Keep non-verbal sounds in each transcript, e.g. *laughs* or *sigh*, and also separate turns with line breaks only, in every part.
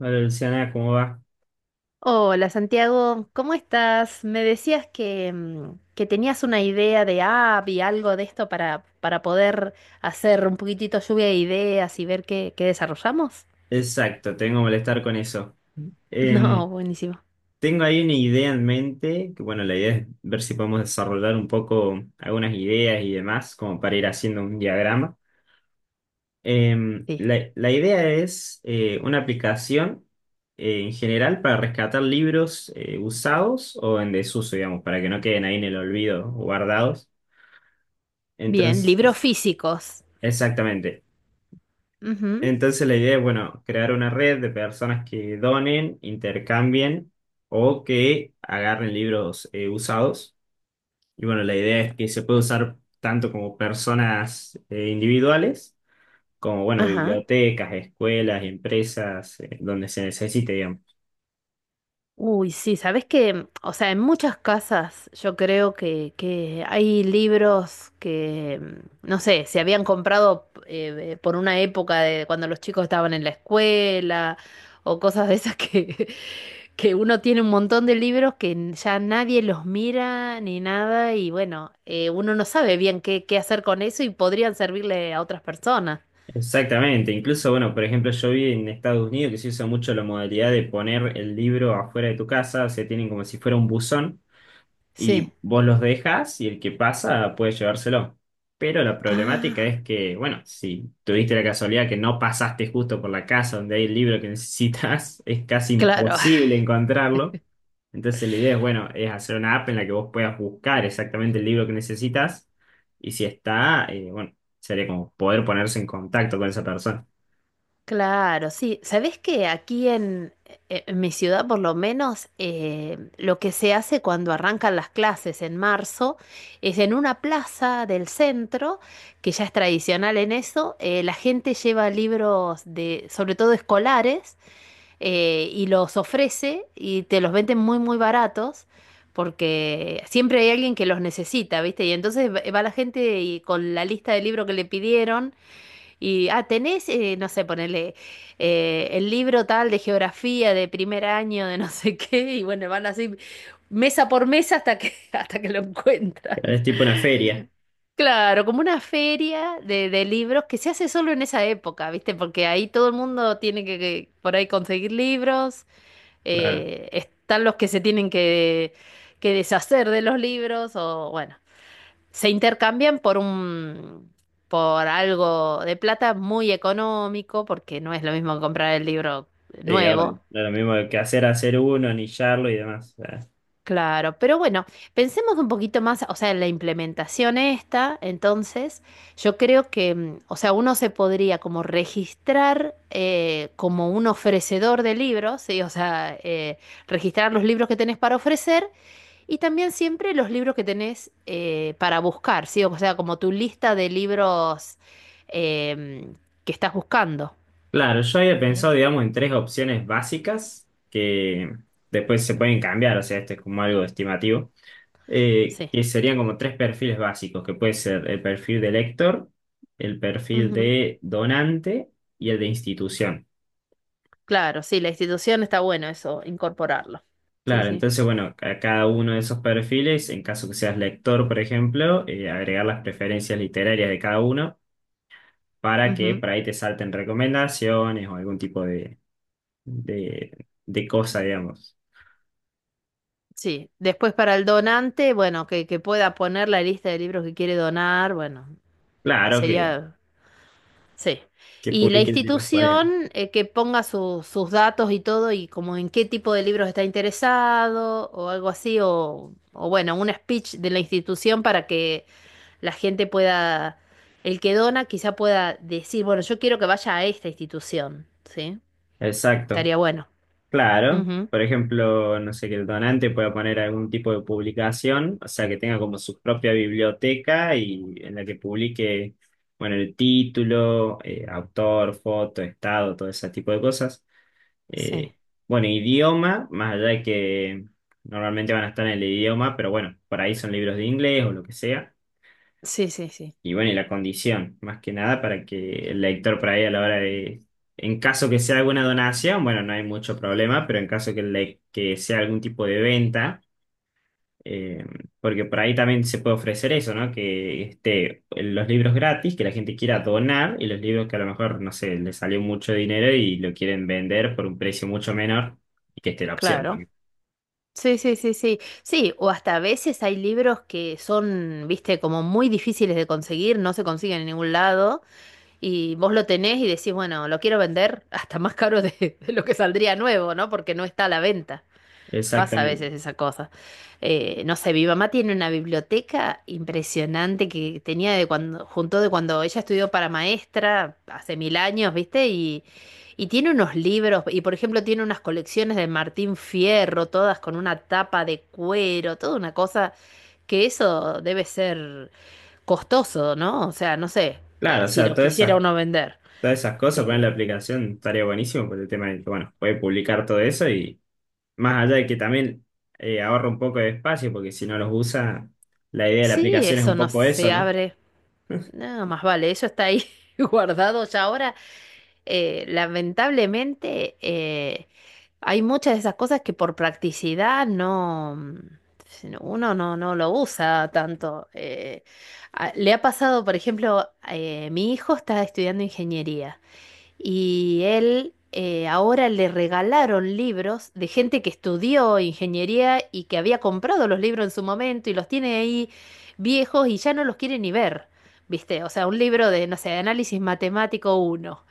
Hola Luciana, ¿cómo va?
Hola Santiago, ¿cómo estás? Me decías que tenías una idea de app y algo de esto para poder hacer un poquitito lluvia de ideas y ver qué desarrollamos.
Exacto, tengo que molestar con eso.
*laughs*
Em,
No, buenísimo.
Tengo ahí una idea en mente, que bueno, la idea es ver si podemos desarrollar un poco algunas ideas y demás, como para ir haciendo un diagrama. Em,
Sí.
la, la idea es una aplicación en general para rescatar libros usados o en desuso, digamos, para que no queden ahí en el olvido o guardados.
Bien, libros
Entonces,
físicos.
exactamente.
Ujú.
Entonces la idea es, bueno, crear una red de personas que donen, intercambien o que agarren libros usados. Y bueno, la idea es que se puede usar tanto como personas individuales, como, bueno,
Ajá.
bibliotecas, escuelas, empresas, donde se necesite, digamos.
Uy, sí, sabes que, o sea, en muchas casas yo creo que hay libros que, no sé, se habían comprado por una época de cuando los chicos estaban en la escuela o cosas de esas que, *laughs* que uno tiene un montón de libros que ya nadie los mira ni nada y bueno, uno no sabe bien qué hacer con eso y podrían servirle a otras personas.
Exactamente. Incluso, bueno, por ejemplo, yo vi en Estados Unidos que se usa mucho la modalidad de poner el libro afuera de tu casa, o sea, tienen como si fuera un buzón.
Sí.
Y vos los dejas y el que pasa puede llevárselo. Pero la
Ah,
problemática es que, bueno, si tuviste la casualidad que no pasaste justo por la casa donde hay el libro que necesitas, *laughs* es casi
claro.
imposible encontrarlo. Entonces la idea es, bueno, es hacer una app en la que vos puedas buscar exactamente el libro que necesitas y si está, bueno, sería como poder ponerse en contacto con esa persona.
Claro, sí. ¿Sabés que aquí en mi ciudad, por lo menos, lo que se hace cuando arrancan las clases en marzo es en una plaza del centro, que ya es tradicional en eso, la gente lleva libros de, sobre todo escolares, y los ofrece y te los venden muy, muy baratos. Porque siempre hay alguien que los necesita, ¿viste? Y entonces va la gente y con la lista de libros que le pidieron y, ah, tenés, no sé, ponerle el libro tal de geografía de primer año, de no sé qué, y bueno, van así mesa por mesa hasta que, *laughs* hasta que lo
Claro,
encuentran.
es tipo una feria,
Claro, como una feria de libros que se hace solo en esa época, ¿viste? Porque ahí todo el mundo tiene que por ahí conseguir libros,
claro.
están los que se tienen que deshacer de los libros, o bueno, se intercambian por algo de plata muy económico, porque no es lo mismo que comprar el libro
Sí,
nuevo.
obvio. No es lo mismo que hacer uno, anillarlo y demás.
Claro, pero bueno, pensemos un poquito más, o sea, en la implementación esta, entonces, yo creo que, o sea, uno se podría como registrar como un ofrecedor de libros, ¿sí? O sea, registrar los libros que tenés para ofrecer. Y también siempre los libros que tenés para buscar, ¿sí? O sea, como tu lista de libros em, que estás buscando.
Claro, yo había
¿Sí?
pensado, digamos, en tres opciones básicas que después se pueden cambiar, o sea, este es como algo estimativo,
Sí.
que serían como tres perfiles básicos, que puede ser el perfil de lector, el perfil
Ujú.
de donante y el de institución.
Claro, sí, la institución está bueno eso, incorporarlo. Sí,
Claro,
sí.
entonces, bueno, a cada uno de esos perfiles, en caso que seas lector, por ejemplo, agregar las preferencias literarias de cada uno para que
Ujú.
por ahí te salten recomendaciones o algún tipo de, de cosa, digamos.
Sí. Después para el donante, bueno, que pueda poner la lista de libros que quiere donar, bueno,
Claro
sería. Sí.
que
Y la
publiquen de los paneles.
institución que ponga sus datos y todo y como en qué tipo de libros está interesado o algo así o bueno, un speech de la institución para que la gente pueda, el que dona quizá pueda decir, bueno, yo quiero que vaya a esta institución, ¿sí?
Exacto,
Estaría bueno.
claro.
Ujú.
Por ejemplo, no sé, que el donante pueda poner algún tipo de publicación, o sea, que tenga como su propia biblioteca y en la que publique, bueno, el título, autor, foto, estado, todo ese tipo de cosas.
Sí.
Eh, bueno, idioma, más allá de que normalmente van a estar en el idioma, pero bueno, por ahí son libros de inglés o lo que sea.
Sí, sí, sí.
Y bueno, y la condición, más que nada, para que el lector por ahí a la hora de, en caso que sea alguna donación, bueno, no hay mucho problema, pero en caso que, que sea algún tipo de venta, eh, porque por ahí también se puede ofrecer eso, ¿no? Que esté los libros gratis, que la gente quiera donar y los libros que a lo mejor, no sé, le salió mucho dinero y lo quieren vender por un precio mucho menor y que esté la opción
Claro.
también.
Sí, sí, sí, sí. Sí, o hasta a veces hay libros que son, viste, como muy difíciles de conseguir, no se consiguen en ningún lado. Y vos lo tenés y decís, bueno, lo quiero vender hasta más caro de lo que saldría nuevo, ¿no? Porque no está a la venta. Pasa a
Exactamente.
veces esa cosa. No sé, mi mamá tiene una biblioteca impresionante que tenía de cuando, juntó de cuando ella estudió para maestra hace mil años, ¿viste? Y tiene unos libros, y por ejemplo tiene unas colecciones de Martín Fierro, todas con una tapa de cuero, toda una cosa que eso debe ser costoso, ¿no? O sea, no sé,
Claro, o
si
sea,
lo quisiera uno vender.
todas esas cosas, poner la aplicación estaría buenísimo por el tema de que, bueno, puede publicar todo eso y más allá de que también ahorra un poco de espacio, porque si no los usa, la idea de la
Sí,
aplicación es
eso
un
no
poco eso,
se
¿no?
abre. Nada más vale, eso está ahí *laughs* guardado ya ahora. Lamentablemente, hay muchas de esas cosas que por practicidad no, uno no lo usa tanto. Le ha pasado, por ejemplo, mi hijo está estudiando ingeniería y él ahora le regalaron libros de gente que estudió ingeniería y que había comprado los libros en su momento y los tiene ahí viejos y ya no los quiere ni ver, ¿viste? O sea, un libro de, no sé, análisis matemático uno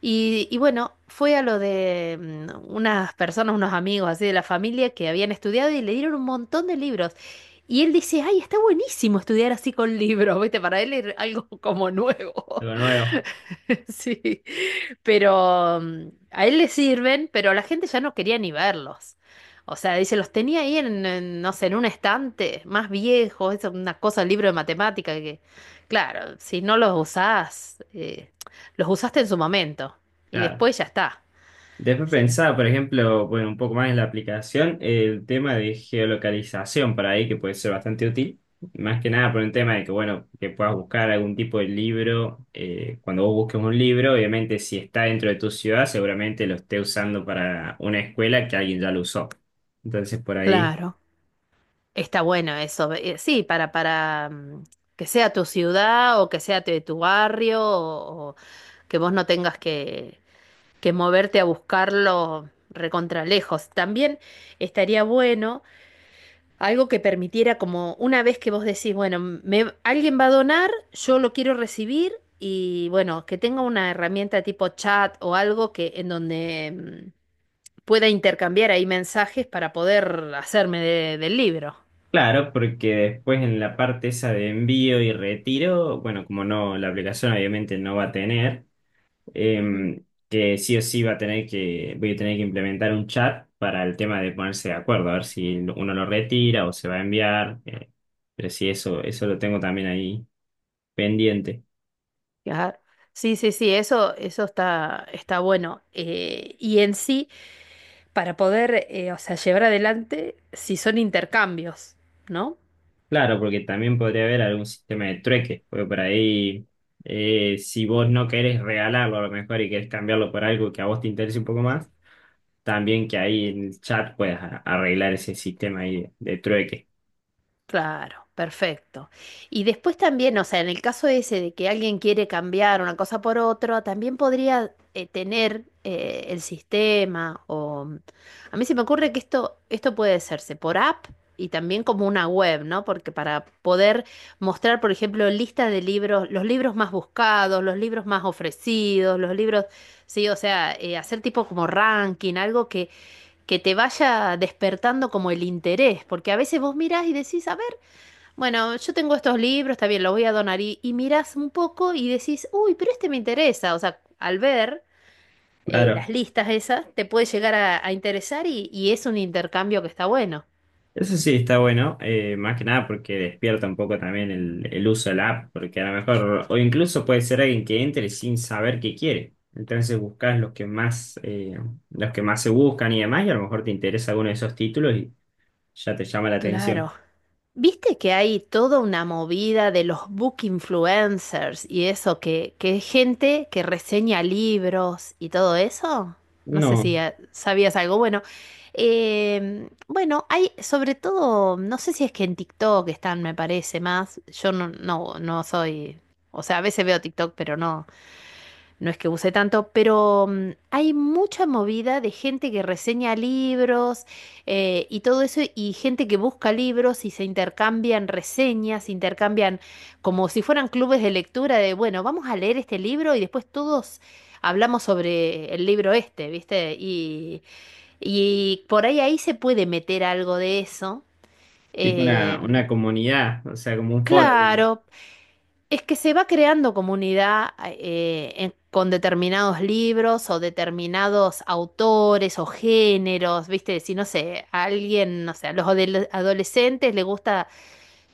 y bueno, fue a lo de unas personas, unos amigos así de la familia que habían estudiado y le dieron un montón de libros. Y él dice, ay, está buenísimo estudiar así con libros, ¿viste? Para él es algo como nuevo.
Algo nuevo.
*laughs* Sí, pero a él le sirven, pero la gente ya no quería ni verlos. O sea, dice, los tenía ahí en, no sé, en un estante más viejo, es una cosa, el libro de matemática que, claro, si no los usás, los usaste en su momento y
Claro.
después ya está,
Después
¿sí?
pensaba, por ejemplo, bueno, un poco más en la aplicación, el tema de geolocalización para ahí, que puede ser bastante útil. Más que nada por el tema de que, bueno, que puedas buscar algún tipo de libro. Cuando vos busques un libro, obviamente si está dentro de tu ciudad, seguramente lo esté usando para una escuela que alguien ya lo usó. Entonces, por ahí
Claro. Está bueno eso. Sí, para que sea tu ciudad o que sea de tu barrio o que vos no tengas que moverte a buscarlo recontra lejos. También estaría bueno algo que permitiera como una vez que vos decís, bueno, alguien va a donar, yo lo quiero recibir y bueno, que tenga una herramienta tipo chat o algo que en donde... mm, pueda intercambiar ahí mensajes para poder hacerme del libro.
claro, porque después en la parte esa de envío y retiro, bueno, como no, la aplicación obviamente no va a tener,
Ujú.
que sí o sí va a tener que, voy a tener que implementar un chat para el tema de ponerse de acuerdo, a ver si uno lo retira o se va a enviar, pero sí, eso lo tengo también ahí pendiente.
Claro. Sí, sí, sí, eso está bueno. Y en sí, para poder, o sea, llevar adelante, si son intercambios, ¿no?
Claro, porque también podría haber algún sistema de trueque, porque por ahí, si vos no querés regalarlo a lo mejor y querés cambiarlo por algo que a vos te interese un poco más, también que ahí en el chat puedas arreglar ese sistema ahí de trueque.
Claro, perfecto. Y después también, o sea, en el caso ese de que alguien quiere cambiar una cosa por otra, también podría tener el sistema a mí se me ocurre que esto puede hacerse por app y también como una web, ¿no? Porque para poder mostrar, por ejemplo, lista de libros, los libros más buscados, los libros más ofrecidos, los libros, sí, o sea, hacer tipo como ranking, algo que te vaya despertando como el interés, porque a veces vos mirás y decís, a ver, bueno, yo tengo estos libros, está bien, los voy a donar y mirás un poco y decís, uy, pero este me interesa. O sea, al ver las
Claro,
listas esas, te puede llegar a interesar y es un intercambio que está bueno.
eso sí está bueno, más que nada porque despierta un poco también el uso de la app, porque a lo mejor, o incluso puede ser alguien que entre sin saber qué quiere. Entonces buscas los que más se buscan y demás, y a lo mejor te interesa alguno de esos títulos ya te llama la atención.
Claro. Viste que hay toda una movida de los book influencers y eso, que es gente que reseña libros y todo eso. No sé si
No,
sabías algo. Bueno, hay sobre todo, no sé si es que en TikTok están, me parece más. Yo no, no, no soy, o sea, a veces veo TikTok, pero no. No es que use tanto, pero hay mucha movida de gente que reseña libros y todo eso, y gente que busca libros y se intercambian reseñas, se intercambian como si fueran clubes de lectura de, bueno, vamos a leer este libro y después todos hablamos sobre el libro este, ¿viste? Y por ahí se puede meter algo de eso.
tipo
Eh,
una comunidad, o sea, como un foro, digamos.
claro, es que se va creando comunidad con determinados libros o determinados autores o géneros, ¿viste? Si no sé, a alguien, no sé, a los adolescentes les gusta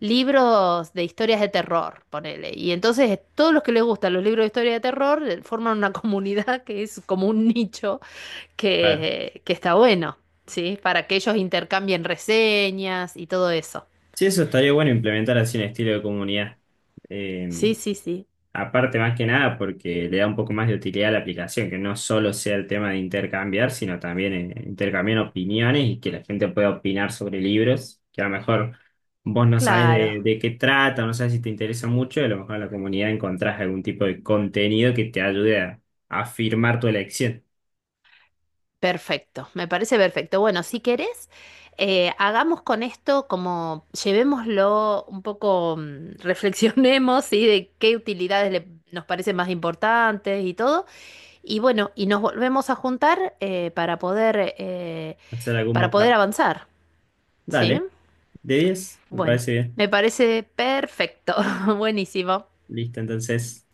libros de historias de terror, ponele. Y entonces todos los que les gustan los libros de historia de terror forman una *laughs* comunidad que es como un nicho
Claro.
que está bueno, ¿sí? Para que ellos intercambien reseñas y todo eso.
Sí, eso estaría bueno implementar así un estilo de comunidad. Eh,
Sí, sí, sí.
aparte, más que nada, porque le da un poco más de utilidad a la aplicación, que no solo sea el tema de intercambiar, sino también intercambiar opiniones y que la gente pueda opinar sobre libros, que a lo mejor vos no sabes
Claro.
de qué trata, no sabes si te interesa mucho, y a lo mejor en la comunidad encontrás algún tipo de contenido que te ayude a afirmar tu elección.
Perfecto, me parece perfecto. Bueno, si querés, hagamos con esto como llevémoslo un poco, *laughs* reflexionemos, ¿sí? De qué utilidades nos parecen más importantes y todo. Y bueno, y nos volvemos a juntar para poder, eh,
Hacer algún
para poder
mockup.
avanzar, ¿sí?
Dale, de 10 me
Bueno,
parece bien.
me parece perfecto, *laughs* buenísimo.
Listo, entonces.